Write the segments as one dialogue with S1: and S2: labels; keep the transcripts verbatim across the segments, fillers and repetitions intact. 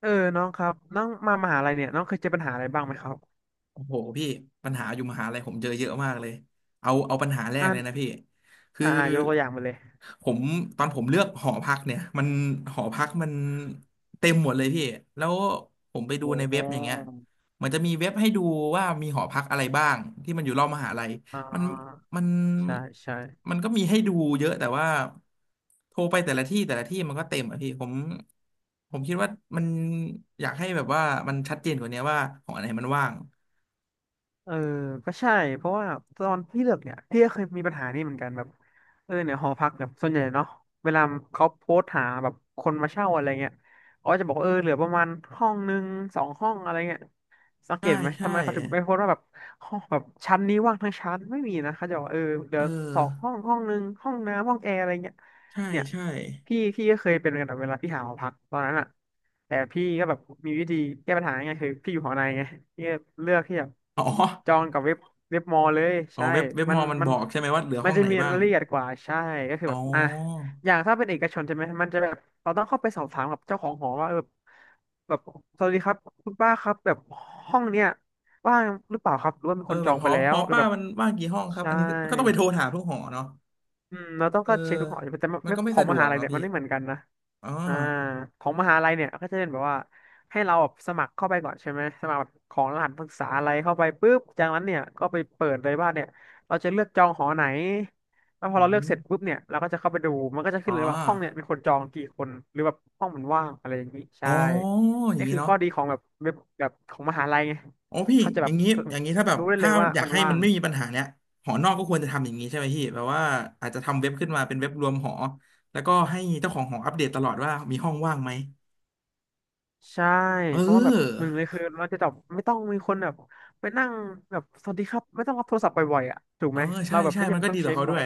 S1: เออน้องครับน้องมามหาลัยเนี่ยน้องเคยเจอปัญหาอะไรบ้างไหมครับ
S2: โอ้โหพี่ปัญหาอยู่มหาลัยผมเจอเยอะมากเลยเอาเอาปัญหาแรกเล
S1: อ่า
S2: ยนะพี่คือ
S1: อ่าอ่ายกตัวอย่างมาเลย
S2: ผมตอนผมเลือกหอพักเนี่ยมันหอพักมันเต็มหมดเลยพี่แล้วผมไป
S1: โอ
S2: ดูในเว็บอย่างเงี้ย
S1: ้
S2: มันจะมีเว็บให้ดูว่ามีหอพักอะไรบ้างที่มันอยู่รอบมหาลัย
S1: อ่
S2: มัน
S1: า
S2: มัน
S1: ใช่ใช่
S2: มันก็มีให้ดูเยอะแต่ว่าโทรไปแต่ละที่แต่ละที่มันก็เต็มอะพี่ผมผมคิดว่ามันอยากให้แบบว่ามันชัดเจนกว่านี้ว่าหอไหนมันว่าง
S1: เออก็ใช่เพราะว่าตอนพี่เลือกเนี่ยพี่ก็เคยมีปัญหานี้เหมือนกันแบบเออเนี่ยหอพักแบบส่วนใหญ่เนาะเวลาเขาโพสต์หาแบบคนมาเช่าอะไรเงี้ยเขาก็จะบอกว่าเออเหลือประมาณห้องหนึ่งสองห้องอะไรเงี้ยสังเก
S2: ใช่
S1: ตไหม
S2: ใช่
S1: ทำไมเขาถึงไม่โพสต์ว่าแบบห้องแบบชั้นนี้ว่างทั้งชั้นไม่มีนะเขาจะบอกว่าเออเดี๋
S2: เอ
S1: ยอสองห้อ
S2: อ
S1: งห้องหนึ่งห้องน้ำห้องแอร์อะไรเงี้ย
S2: ใช่
S1: เนี่ย
S2: ใช่
S1: พี่พี่ก็เคยเป็นเหมือนกันแบบเวลาพี่หาหอพักตอนนั้นอ่ะแต่พี่ก็แบบมีวิธีแก้ปัญหาไงคือพี่อยู่หอในไงพี่ก็เลือกที่แบบ
S2: อ๋อ
S1: จองกับเว็บเว็บมอลเลย
S2: อ๋อ
S1: ใช่
S2: เว็บเว็บ
S1: มั
S2: ม
S1: น
S2: อมัน
S1: มั
S2: บ
S1: น
S2: อกใช่ไหมว่าเหลือ
S1: มั
S2: ห้
S1: น
S2: อง
S1: จะ
S2: ไหน
S1: มี
S2: บ้า
S1: รา
S2: ง
S1: ยละเอียดกว่าใช่ก็คือแบ
S2: อ๋อ
S1: บอ่ะอย่างถ้าเป็นเอกชนใช่ไหมมันจะแบบเราต้องเข้าไปสอบถามกับเจ้าของหอว่าเออแบบสวัสดีครับคุณป้าครับแบบห้องเนี้ยว่างหรือเปล่าครับหรือว่ามี
S2: เออ
S1: คนจ
S2: แบ
S1: อ
S2: บ
S1: ง
S2: ห
S1: ไป
S2: อ
S1: แล้
S2: ห
S1: ว
S2: อ
S1: หรือ
S2: ป้า
S1: แบบ
S2: มันว่างกี่ห้องครับ
S1: ใช่
S2: อันนี้ก็ก็ต้องไปโทรถามทุกหอเนาะ
S1: อืมเราต้อง
S2: เออ
S1: ก็เช็คทุกหออยู่แต่
S2: มัน
S1: ไม่
S2: ก็ไม่
S1: ของ
S2: สะด
S1: ม
S2: ว
S1: หา
S2: ก
S1: ลัย
S2: เนาะ
S1: เนี่ย
S2: พี่
S1: มันไม่เหมือนกันนะ
S2: อ๋อ
S1: อ่าของมหาลัยเนี่ยก็จะเป็นแบบว่าให้เราแบบสมัครเข้าไปก่อนใช่ไหมสมัครแบบของรหัสนักศึกษาอะไรเข้าไปปุ๊บจากนั้นเนี่ยก็ไปเปิดเลยว่าเนี่ยเราจะเลือกจองหอไหนแล้วพอ
S2: อื
S1: เราเลือกเสร็จปุ๊
S2: ม
S1: บเนี่ยเราก็จะเข้าไปดูมันก็จะ
S2: อ๋อ
S1: ขึ้นเลยว่าห้องเนี่ยมีคนจองกี่คนหรือแบบห้องมันว่างอะไรอย่างนี้
S2: อ๋
S1: ใช่
S2: ออย่าง
S1: นี่
S2: นี้
S1: คือ
S2: เนาะ
S1: ข้อดีของแบบเว็บแบบของมหาลัยไง
S2: โอ้พี่
S1: เขาจะ
S2: อ
S1: แบ
S2: ย่า
S1: บ
S2: งนี้อย่างนี้ถ้าแบบ
S1: รู้ได้เล
S2: ถ้า
S1: ยว่า
S2: อยาก
S1: มัน
S2: ให้
S1: ว่า
S2: มัน
S1: ง
S2: ไม่มีปัญหาเนี้ยหอนอกก็ควรจะทำอย่างนี้ใช่ไหมพี่แบบว่าอาจจะทำเว็บขึ้นมาเป็นเว็บรวมหอแล้วก็ให้เจ้าของหออัปเดตตลอดว่ามีห้องว่างไหม
S1: ใช่
S2: เอ
S1: เพราะว่าแบบห
S2: อ
S1: นึ่งเลยคือเราจะจบบไม่ต้องมีคนแบบไปนั่งแบบสวัสดีครับไม่ต้องรับโทรศัพท์บ่อยๆอ่ะถูก
S2: เออ
S1: ไหม
S2: ใช่
S1: เราแบบ
S2: ใช่
S1: ไม่จำ
S2: มัน
S1: เป็น
S2: ก็
S1: ต้อ
S2: ดี
S1: ง
S2: ต่อ
S1: เช็ค
S2: เขาด้
S1: บ่อ
S2: ว
S1: ย
S2: ย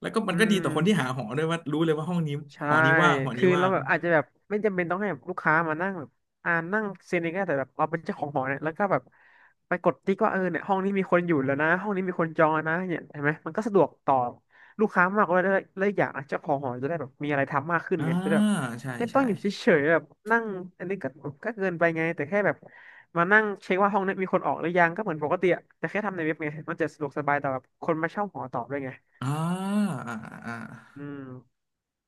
S2: แล้วก็มั
S1: อื
S2: นก็ดีต่อคนที่หา
S1: ม
S2: หอด้วยว่ารู้เลยว่าห้องนี้
S1: ใช่
S2: หอนี้ว่างหอนี้
S1: คือ
S2: ว่า
S1: เรา
S2: ง
S1: แบบอาจจะแบบไม่จำเป็นต้องให้แบบลูกค้ามานั่งแบบอ่านั่งเซ็นเองก็ได้แต่แบบเราเป็นเจ้าของหอเนี่ยแล้วก็แบบไปกดติ๊กว่าเออเนี่ยห้องนี้มีคนอยู่แล้วนะห้องนี้มีคนจองแล้วนะเนี่ยเห็นไหมมันก็สะดวกต่อลูกค้ามากกว่าแล้แลวอกอย่างนะเจ้าของหอจะได้แบบมีอะไรทำมากขึ้น
S2: อ่า
S1: ไงจะได้แบบ
S2: ใช่
S1: ไม่ต้อ
S2: ใช่
S1: งอยู่เฉยๆแบบนั่งอันนี้ก็ก็เกินไปไงแต่แค่แบบมานั่งเช็คว่าห้องนี้มีคนออกหรือยังก็เหมือนปกติอะแต่แค่ทำในเว็บไงมันจะสะดวกสบายต่อแบบคนมาเช่าหอต่อด้วยไง
S2: อ่าอ่าอ่า
S1: อืม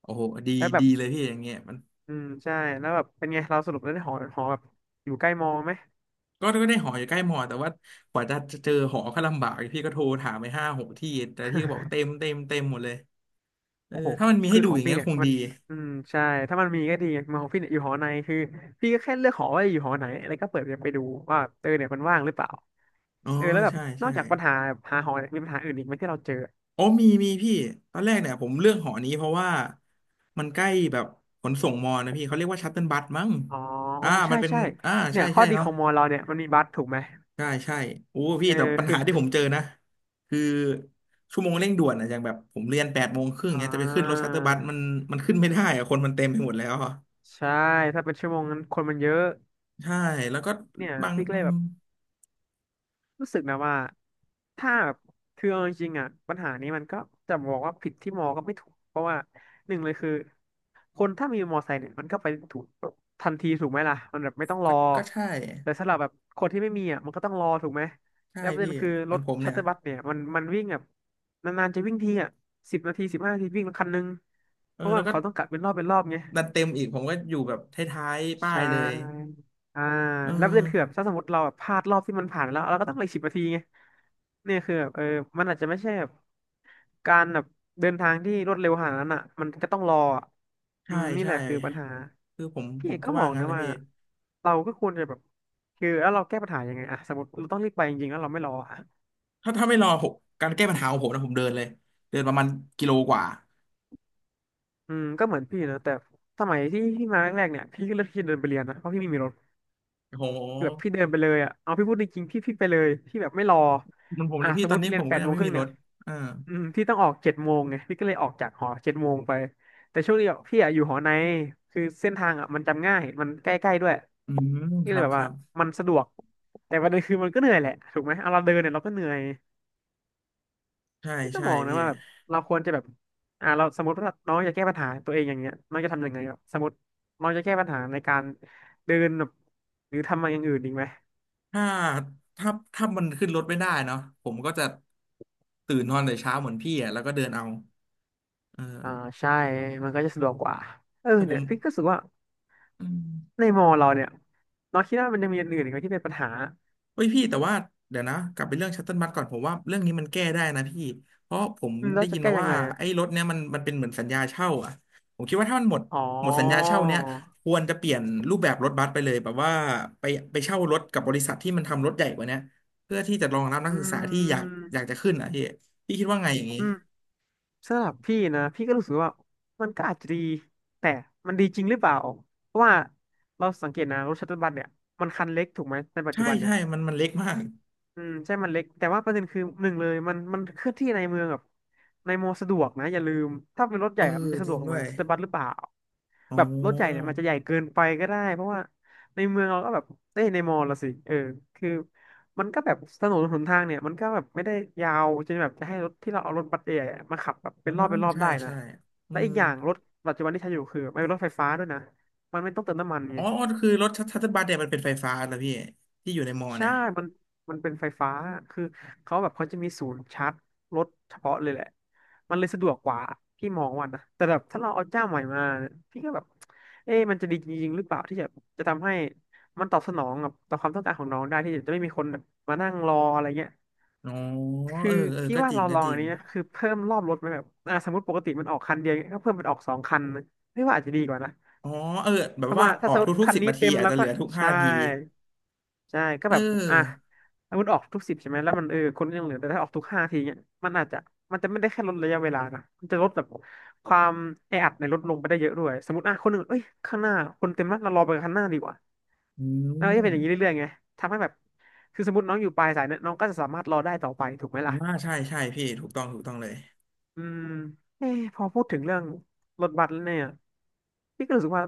S2: โอ้โหดี
S1: แล้วแบบ
S2: ดีเลยพี่อย่างเงี้ยมัน
S1: อืมใช่แล้วแบบเป็นไงเราสรุปแล้วได้หอหอแบบอยู่ใกล้มอไหม
S2: ก็ก็ได้หออยู่ใกล้มอแต่ว่ากว่าจะเจอหอก็ลำบากพี่ก็โทรถามไปห้าหกที่แต่ที่ก็บอกเต็มเต็มเต็มหมดเลยเออ
S1: โอ้โห
S2: ถ้ามันมี
S1: คื
S2: ให้
S1: อ
S2: ดู
S1: ของ
S2: อย่าง
S1: พี่
S2: เงี้ย
S1: เนี่ย
S2: คง
S1: มั
S2: ดี
S1: นอืมใช่ถ้ามันมีก็ดีมอของพี่เนี่ยอยู่หอในคือพี่ก็แค่เลือกหอว่าอยู่หอไหนแล้วก็เปิดไปดูว่าเออเนี่ยมันว่างหรือเปล่า
S2: อ๋อ
S1: เออแล้วแบบ
S2: ใช่
S1: นอ
S2: ใช่
S1: กจากปัญหาหาหอเนี่ยมีปัญหาอื่นอีกไหมที่เราเจอ
S2: โอ้มีมีพี่ตอนแรกเนี่ยผมเลือกหอนี้เพราะว่ามันใกล้แบบขนส่งมอนะพี่เขาเรียกว่าชัตเติลบัสมั้ง
S1: อ๋อ
S2: อ่ามั
S1: ใช่
S2: นเป็น
S1: ใช่
S2: อ่า
S1: เนี่
S2: ใช่
S1: ยข้อ
S2: ใช่
S1: ดีข
S2: เนาะ
S1: องมอเราเนี่ยมันมีบัสถูกไหม
S2: ใช่ใช่โอ้
S1: เอ
S2: พี่
S1: อ
S2: แต่ปัญ
S1: คือ
S2: หาที่ผมเจอนะคือชั่วโมงเร่งด่วนอะอย่างแบบผมเรียนแปดโมงครึ่ง
S1: อ่
S2: เนี้ยจะไปขึ้นรถ
S1: า
S2: ชัตเติลบัสมันมันขึ้นไม่ได้อะคนมันเต็มไปหมดแล้วอะ
S1: ใช่ถ้าเป็นชั่วโมงนั้นคนมันเยอะ
S2: ใช่แล้วก็
S1: เนี่ย
S2: บาง
S1: พี่ก็
S2: อื
S1: เลย
S2: ม
S1: แบบ รู้สึกนะว่าถ้าแบบคือเอาจริงๆอ่ะปัญหานี้มันก็จะบอกว่าผิดที่มอก็ไม่ถูกเพราะว่าหนึ่งเลยคือคนถ้ามีมอไซค์เนี่ยมันก็ไปถูกทันทีถูกไหมล่ะมันแบบไม่ต้องร
S2: ก็
S1: อ
S2: ก็ใช่
S1: แต่สำหรับแบบคนที่ไม่มีอ่ะมันก็ต้องรอถูกไหม
S2: ใช่
S1: แล้วประเด็
S2: พี่
S1: นคือร
S2: มัน
S1: ถ
S2: ผม
S1: ชัต
S2: เนี่ย
S1: เตอร์บัสเนี่ยมันมันวิ่งแบบนานๆจะวิ่งทีอ่ะสิบนาทีสิบห้านาทีวิ่งคันนึง
S2: เอ
S1: เพ
S2: อ
S1: ราะ
S2: แล้
S1: ว่า
S2: วก็
S1: เขาต้องกะเป็นรอบเป็นรอบไง
S2: ดันเต็มอีกผมก็อยู่แบบท้ายๆป้าย
S1: ใช่
S2: เลย
S1: อ่า
S2: เออ
S1: แล้วประเด็นคือแบบถ้าสมมติเราแบบพลาดรอบที่มันผ่านไปแล้วเราก็ต้องเหลือสิบนาทีไงเนี่ยคือแบบเออมันอาจจะไม่ใช่แบบการแบบเดินทางที่รวดเร็วขนาดนั้นอ่ะมันก็ต้องรออะอื
S2: ใช่
S1: มนี่แห
S2: ใช่
S1: ละคือปัญหา
S2: คือผมผ
S1: พี่เอ
S2: ม
S1: ก
S2: ก็
S1: ก็ม
S2: ว่า
S1: อง
S2: งั้น
S1: นะ
S2: แหละ
S1: ว่า
S2: พี่
S1: เราก็ควรจะแบบคือแล้วเราแก้ปัญหายังไงอะสมมติเราต้องรีบไปจริงๆแล้วเราไม่รออะ
S2: ถ้าถ้าไม่รอผมการแก้ปัญหาของผมนะผมเดินเลยเดินประมาณกิโลกว่า
S1: อืมก็เหมือนพี่นะแต่สมัยที่พี่มาแรกๆเนี่ยพี่ก็เลือกที่จะเดินไปเรียนนะเพราะพี่ไม่มีรถ
S2: โอ้โห
S1: คือแบบพี่เดินไปเลยอ่ะเอาพี่พูดจริงๆพี่พี่ไปเลยพี่แบบไม่รอ
S2: มันผมเล
S1: อ่ะ
S2: ยพี่
S1: สม
S2: ต
S1: ม
S2: อน
S1: ติ
S2: นี้
S1: เรี
S2: ผ
S1: ยน
S2: ม
S1: แป
S2: ก็
S1: ด
S2: ยั
S1: โม
S2: ง
S1: ง
S2: ไม่
S1: ครึ่
S2: มี
S1: ง
S2: ร
S1: เนี่ย
S2: ถอ่า
S1: อืมพี่ต้องออกเจ็ดโมงไงพี่ก็เลยออกจากหอเจ็ดโมงไปแต่ช่วงนี้อะพี่อะอยู่หอในคือเส้นทางอ่ะมันจำง่ายมันใกล้ๆด้วย
S2: อืม
S1: นี่
S2: ค
S1: เล
S2: รั
S1: ย
S2: บ
S1: แบบ
S2: ครั
S1: ว่า
S2: บ
S1: มันสะดวกแต่ประเด็นคือมันก็เหนื่อยแหละถูกไหมเอาเราเดินเนี่ยเราก็เหนื่อย
S2: ใช่
S1: พี่ก็
S2: ใช่
S1: มองนะ
S2: พี่
S1: ว่าแบบเราควรจะแบบอ่าเราสมมติว่าน้องจะแก้ปัญหาตัวเองอย่างเงี้ยน้องจะทำยังไงครับสมมติน้องจะแก้ปัญหาในการเดินแบบหรือทำอะไรอย่างอื่นอีกไหม
S2: ถ้าถ้าถ้ามันขึ้นรถไม่ได้เนาะผมก็จะตื่นนอนแต่เช้าเหมือนพี่อ่ะแล้วก็เดินเอาเออ
S1: อ่าใช่มันก็จะสะดวกกว่าเออ
S2: แต่ผ
S1: เนี่ย
S2: ม
S1: พี่ก็รู้สึกว่า
S2: อืม
S1: ในมอเราเนี่ยเราคิดว่ามันยังมีอย่างอื่นอีกไหมที่เป็นปัญหา
S2: เฮ้ยพี่แต่ว่าเดี๋ยวนะกลับไปเรื่องชัตเติลบัสก่อนผมว่าเรื่องนี้มันแก้ได้นะพี่เพราะผม
S1: อืมแล้
S2: ได้
S1: วจะ
S2: ยิน
S1: แก้
S2: มา
S1: ยัง
S2: ว่า
S1: ไง
S2: ไอ้
S1: อะ
S2: รถเนี้ยมันมันเป็นเหมือนสัญญาเช่าอ่ะผมคิดว่าถ้ามันหมด
S1: อ๋อ
S2: หมดสัญญาเช่าเนี้ยควรจะเปลี่ยนรูปแบบรถบัสไปเลยแบบว่าไปไปเช่ารถกับบริษัทที่มันทำรถใหญ่กว่าเนี้ยเพื่อที่จะรองรับนัก
S1: อื
S2: ศึกษาที่อยากอยาก
S1: ม
S2: จะขึ้นอ่ะพี่พี่คิดว่าไงอย่างนี้
S1: อืมสำหรับพี่นะพี่ก็รู้สึกว่ามันก็อาจจะดีแต่มันดีจริงหรือเปล่าเพราะว่าเราสังเกตนะรถชัตเทิลบัสเนี่ยมันคันเล็กถูกไหมในปัจ
S2: ใช่
S1: จุบันเนี่
S2: ใช่
S1: ย
S2: มันมันเล็กมาก
S1: อืมใช่มันเล็กแต่ว่าประเด็นคือหนึ่งเลยมันมันเคลื่อนที่ในเมืองแบบในมอสะดวกนะอย่าลืมถ้าเป็นรถให
S2: เออ
S1: ญ่อะมันจะ
S2: จ
S1: สะด
S2: ริ
S1: ว
S2: ง
S1: ก
S2: ด้
S1: เห
S2: ว
S1: มือ
S2: ย
S1: นชัตเตอร์บัสหรือเปล่า
S2: อ๋
S1: แบบรถใหญ่เนี่ย
S2: อ
S1: มันจะใหญ่เกินไปก็ได้เพราะว่าในเมืองเราก็แบบเอ้ยในมอละสิเออคือมันก็แบบถนนหนทางเนี่ยมันก็แบบไม่ได้ยาวจนแบบจะให้รถที่เราเอารถบัสใหญ่ๆมาขับแบบเป็
S2: อ่า
S1: นรอบเป็นรอบ
S2: ใช่
S1: ได้นะ
S2: ใช่อื
S1: และอี
S2: ม
S1: กอย่างรถปัจจุบันที่ใช้อยู่คือมันเป็นรถไฟฟ้าด้วยนะมันไม่ต้องเติมน้ำมัน
S2: อ๋
S1: ไง
S2: อคือรถชัตเทิลบัสเนี่ยมันเป็นไฟฟ้าแล้วพี่ที่อยู่ในมอ
S1: ใช่
S2: เนี่ย
S1: มันมันเป็นไฟฟ้า คือเขาแบบเขาจะมีศูนย์ชาร์จรถเฉพาะเลยแหละ มันเลยสะดวกกว่าพี่มองว่านะแต่แบบถ้าเราเอาเจ้าใหม่มา พี่ก็แบบเอ๊ะมันจะดีจริงๆหรือเปล่าที่จะจะทำให้มันตอบสนองกับต่อความต้องการของน้องได้ที่จะไม่มีคนแบบมานั่งรออะไรเงี้ย
S2: อ๋อ
S1: คือ
S2: เออเออ
S1: พี่
S2: ก็
S1: ว่า
S2: จริง
S1: เรา
S2: ก็
S1: ลอง
S2: จริ
S1: อัน
S2: ง
S1: นี้นะคือเพิ่มรอบรถไหมแบบอ่าสมมติปกติมันออกคันเดียวเงี้ยก็เพิ่มเป็นออกสองคันนะพี่ว่าอาจจะดีกว่านะ
S2: อ๋อเออแบ
S1: เพ
S2: บ
S1: ราะ
S2: ว่า
S1: ว่า
S2: อ
S1: ถ้า
S2: อ
S1: ส
S2: ก
S1: มมติ
S2: ทุก
S1: คั
S2: ๆ
S1: น
S2: สิบ
S1: นี้
S2: นาที
S1: เต็ม
S2: อาจ
S1: แล้ว
S2: จะเห
S1: ก็
S2: ลือทุกห้า
S1: ใช่
S2: นาที
S1: ใช่ก็
S2: เ
S1: แบบอ่ะ
S2: ออ
S1: ถ้ามันออกทุกสิบใช่ไหมแล้วมันเออคนก็ยังเหลือแต่ถ้าออกทุกห้าทีเนี่ยมันอาจจะมันจะไม่ได้แค่ลดระยะเวลานะมันจะลดแบบความแออัดในรถลงไปได้เยอะด้วยสมมติอ่ะคนหนึ่งเอ้ยข้างหน้าคนเต็มแล้วเรารอไปข้างหน้าดีกว่า
S2: อืม
S1: แล้วก็จะเป็นอย่างนี้เรื่อยๆไงทำให้แบบคือสมมติน้องอยู่ปลายสายเนี่ยน้องก็จะสามารถรอได้ต่อไปถูกไหม
S2: อ่า
S1: ล่ะ
S2: ใช่ใช่พี่ถูกต้องถูกต้องเลย
S1: อืมเอ้พอพูดถึงเรื่องรถบัสแล้วเนี่ยพี่ก็รู้สึกว่า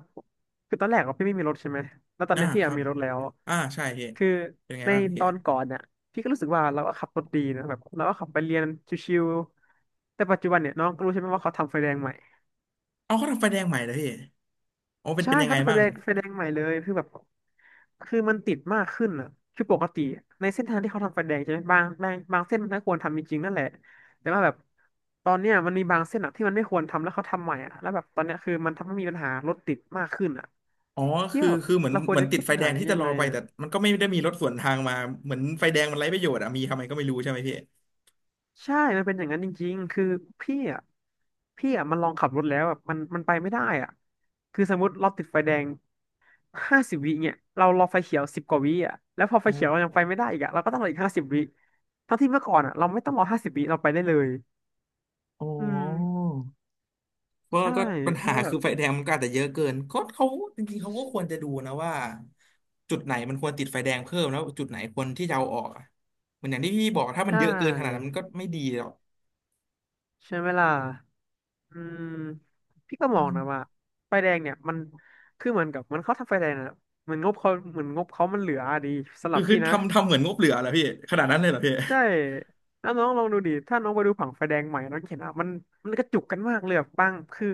S1: คือตอนแรกอะพี่ไม่มีรถใช่ไหมแล้วตอน
S2: อ่า
S1: เนี้ยพี่
S2: ค
S1: อะ
S2: รับ
S1: มีรถแล้ว
S2: อ่าใช่พี่
S1: คือ
S2: เป็นไง
S1: ใน
S2: บ้างพี่
S1: ตอนก่อนเนี่ยพี่ก็รู้สึกว่าเราก็ขับรถดีนะแบบเราก็ขับไปเรียนชิวๆแต่ปัจจุบันเนี่ยน้องก็รู้ใช่ไหมว่าเขาทำไฟแดงใหม่
S2: เอาเขาทำไฟแดงใหม่เหรอพี่อ๋อเป็น
S1: ใช่
S2: เป็นยัง
S1: เขา
S2: ไง
S1: จะไฟ
S2: บ้า
S1: แด
S2: ง
S1: งไฟแดงใหม่เลยคือแบบคือมันติดมากขึ้นอ่ะคือปกติในเส้นทางที่เขาทำไฟแดงใช่ไหมบางบางบางเส้นมันก็ควรทำจริงๆนั่นแหละแต่ว่าแบบตอนเนี้ยมันมีบางเส้นอ่ะที่มันไม่ควรทำแล้วเขาทำใหม่อ่ะแล้วแบบตอนเนี้ยคือมันทำให้มีปัญหารถติดมากขึ้นอ่ะ
S2: อ๋อ
S1: ที่
S2: คือ
S1: แบบ
S2: คือเหมือน
S1: เราคว
S2: เห
S1: ร
S2: มือน
S1: จะ
S2: ติ
S1: แก้
S2: ดไฟ
S1: ปัญ
S2: แด
S1: หา
S2: งที่
S1: ยั
S2: จะ
S1: ง
S2: รอ
S1: ไง
S2: ไปแต่มันก็ไม่ได้มีรถสวนทางมาเหมือนไฟแดงมันไร้ประโยชน์อะมีทำไมก็ไม่รู้ใช่ไหมพี่
S1: ใช่มันเป็นอย่างนั้นจริงๆ คือพี่อ่ะพี่อ่ะมันลองขับรถแล้วแบบมันมันไปไม่ได้อ่ะคือสมมติเราติดไฟแดงห้าสิบวิเนี่ยเรารอไฟเขียวสิบกว่าวิอ่ะแล้วพอไฟเขียวเรายังไปไม่ได้อีกอ่ะเราก็ต้องรออีกห้าสิบวิทั้งที่เมื่อก่อนอ่ะเราไม่ต้องรอห้าสิบวิเราไปได้เลย
S2: อ๋อ
S1: อืม
S2: เ็อร์
S1: ใช่
S2: ก็ปัญ
S1: แล้
S2: หา
S1: วแบ
S2: คื
S1: บ
S2: อไฟแดงมันก็อาจจะเยอะเกินก็เขาจริงๆเขาก็ควรจะดูนะว่าจุดไหนมันควรติดไฟแดงเพิ่มแล้วจุดไหนควรที่จะเอาออกอะเหมือนอย่างที่พี่บอกถ้ามัน
S1: ใช่
S2: เยอะเกินขนาดนั้นมันก็ไม่ดีหรอก
S1: ใช่ไหมล่ะอืมพี่ก็ม
S2: อื
S1: อง
S2: ม
S1: นะว่าไฟแดงเนี่ยมันคือเหมือนกับมันเขาทำไฟแดงนะเหมือนงบเขาเหมือนงบเขามันเหลืออะดีสำห
S2: คื
S1: รั
S2: อ
S1: บ
S2: คือ
S1: พี่นะ
S2: ทำทำเหมือนงบเหลือเหรอพี่ขนาดนั้นเลยเหรอพี่
S1: ใช่แล้วน้องลองดูดิถ้าน้องไปดูผังไฟแดงใหม่น้องเห็นอ่ะมันมันกระจุกกันมากเลยแบบบางคือ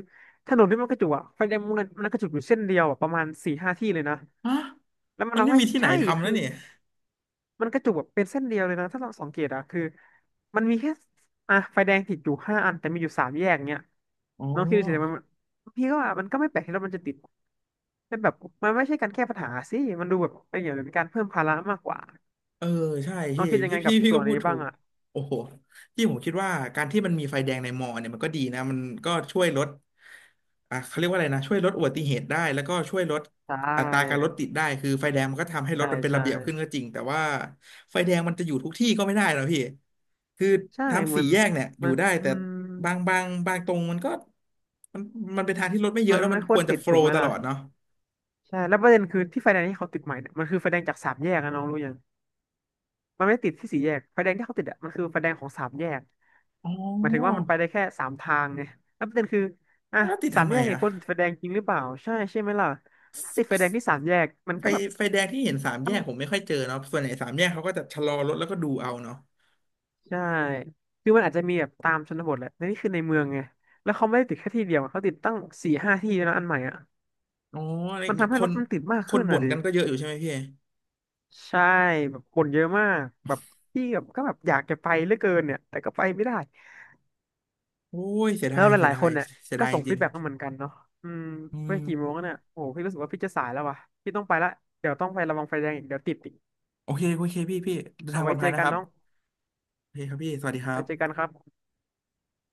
S1: ถนนที่มันกระจุกอ่ะไฟแดงมันมันกระจุกอยู่เส้นเดียวอะประมาณสี่ห้าที่เลยนะ
S2: ฮะ
S1: แล้วมัน
S2: มันไม่
S1: ทำให้
S2: มีที่ไหน
S1: ใช่
S2: ทำแล้
S1: คื
S2: ว
S1: อ
S2: นี่
S1: มันกระจุกแบบเป็นเส้นเดียวเลยนะถ้าเราสังเกตอ่ะคือมันมีแค่อ่ะไฟแดงติดอยู่ห้าอันแต่มีอยู่สามแยกเนี้ย
S2: อ๋อ
S1: น้องคิดดูสิมันพี่ก็ว่ามันก็ไม่แปลกที่รถมันจะติดแต่แบบมันไม่ใช่การแก้ปัญหาสิมันดูแบบเป็นอย่างเป็นการเพิ่มภาระมากกว่า
S2: เออใช่
S1: น้อ
S2: พี่
S1: งคิดยัง
S2: พี่
S1: ไงกั
S2: พี่
S1: บ
S2: พี่
S1: ส่
S2: ก็
S1: วน
S2: พู
S1: นี้
S2: ดถู
S1: บ้าง
S2: ก
S1: อ่ะ
S2: โอ้โหพี่ผมคิดว่าการที่มันมีไฟแดงในมอเนี่ยมันก็ดีนะมันก็ช่วยลดอ่ะเขาเรียกว่าอะไรนะช่วยลดอุบัติเหตุได้แล้วก็ช่วยลด
S1: ใช
S2: อัตราการรถ
S1: ่
S2: ติดได้คือไฟแดงมันก็ทำให้ร
S1: ใช่
S2: ถมันเป็น
S1: ใช่
S2: ระเบียบขึ้นก็จริงแต่ว่าไฟแดงมันจะอยู่ทุกที่ก็ไม่ได้นะพี่คือ
S1: ใช่
S2: ทำ
S1: มั
S2: สี่
S1: น
S2: แยกเนี่ยอ
S1: มั
S2: ยู่
S1: น
S2: ได้
S1: อื
S2: แต่
S1: ม
S2: บางบางบางตรงมันก็มันมันเป็นทางที่รถไม่เย
S1: มั
S2: อะ
S1: น
S2: แล้วมั
S1: ไม่
S2: น
S1: ค
S2: ค
S1: วร
S2: วรจะ
S1: ติด
S2: โฟล
S1: ถูกไห
S2: ว์
S1: ม
S2: ตล
S1: ล่ะ
S2: อดเนาะ
S1: ใช่แล้วประเด็นคือที่ไฟแดงที่เขาติดใหม่เนี่ยมันคือไฟแดงจากสามแยกนะน้องรู้ยังมันไม่ได้ติดที่สี่แยกไฟแดงที่เขาติดอ่ะมันคือไฟแดงของสามแยก
S2: อ๋
S1: หมายถึงว่า
S2: อ
S1: มันไปได้แค่สามทางไงแล้วประเด็นคืออ่ะ
S2: แล้วติด
S1: สา
S2: ทำ
S1: ม
S2: ไม
S1: แยกเนี่ย
S2: อ่ะ
S1: ควรติดไฟแดงจริงหรือเปล่าใช่ใช่ไหมล่ะถ้าติดไฟแดงที่สามแยกมัน
S2: ไฟ
S1: ก็แบบ
S2: ไฟแดงที่เห็นสามแยกผมไม่ค่อยเจอเนาะส่วนใหญ่สามแยกเขาก็จะชะลอรถแล้วก็ดูเอาเนาะ
S1: ใช่คือมันอาจจะมีแบบตามชนบทแหละแต่นี่คือในเมืองไงแล้วเขาไม่ได้ติดแค่ที่เดียวอะเขาติดตั้งสี่ห้าที่แล้วอันใหม่อ่ะ
S2: อ๋ออะไร
S1: มัน
S2: เงี้ย
S1: ทำ
S2: ค
S1: ให้ร
S2: น
S1: ถมันติดมาก
S2: ค
S1: ขึ้
S2: น
S1: น
S2: บ่
S1: อ่ะ
S2: น
S1: ดิ
S2: กันก็เยอะอยู่ใช่ไหมพี่
S1: ใช่แบบคนเยอะมากแบบพี่แบบก็แบบอยากจะไปเหลือเกินเนี่ยแต่ก็ไปไม่ได้
S2: โอ้ยเสีย
S1: แล้
S2: ดา
S1: ว
S2: ย
S1: ห
S2: เสีย
S1: ลาย
S2: ดา
S1: ๆค
S2: ย
S1: นเนี่ย
S2: เสีย
S1: ก็
S2: ดายจ
S1: ส่งฟี
S2: ริ
S1: ด
S2: ง
S1: แบ็กมาเหมือนกันเนาะอืม
S2: ๆอื
S1: ไม่
S2: ม
S1: กี่โมงแล้วเนี่ยโอ้โหพี่รู้สึกว่าพี่จะสายแล้วว่ะพี่ต้องไปละเดี๋ยวต้องไประวังไฟแดงอีกเดี๋ยวติดอีก
S2: โอเคโอเคพี่พี่เดิน
S1: เอา
S2: ทางปล
S1: ไว้
S2: อด
S1: เจ
S2: ภั
S1: อ
S2: ยนะ
S1: กั
S2: ค
S1: น
S2: รับ
S1: น้อง
S2: โอเคครับพี่สวัสดีค
S1: ไป
S2: รั
S1: เจอกัน
S2: บ
S1: ครับ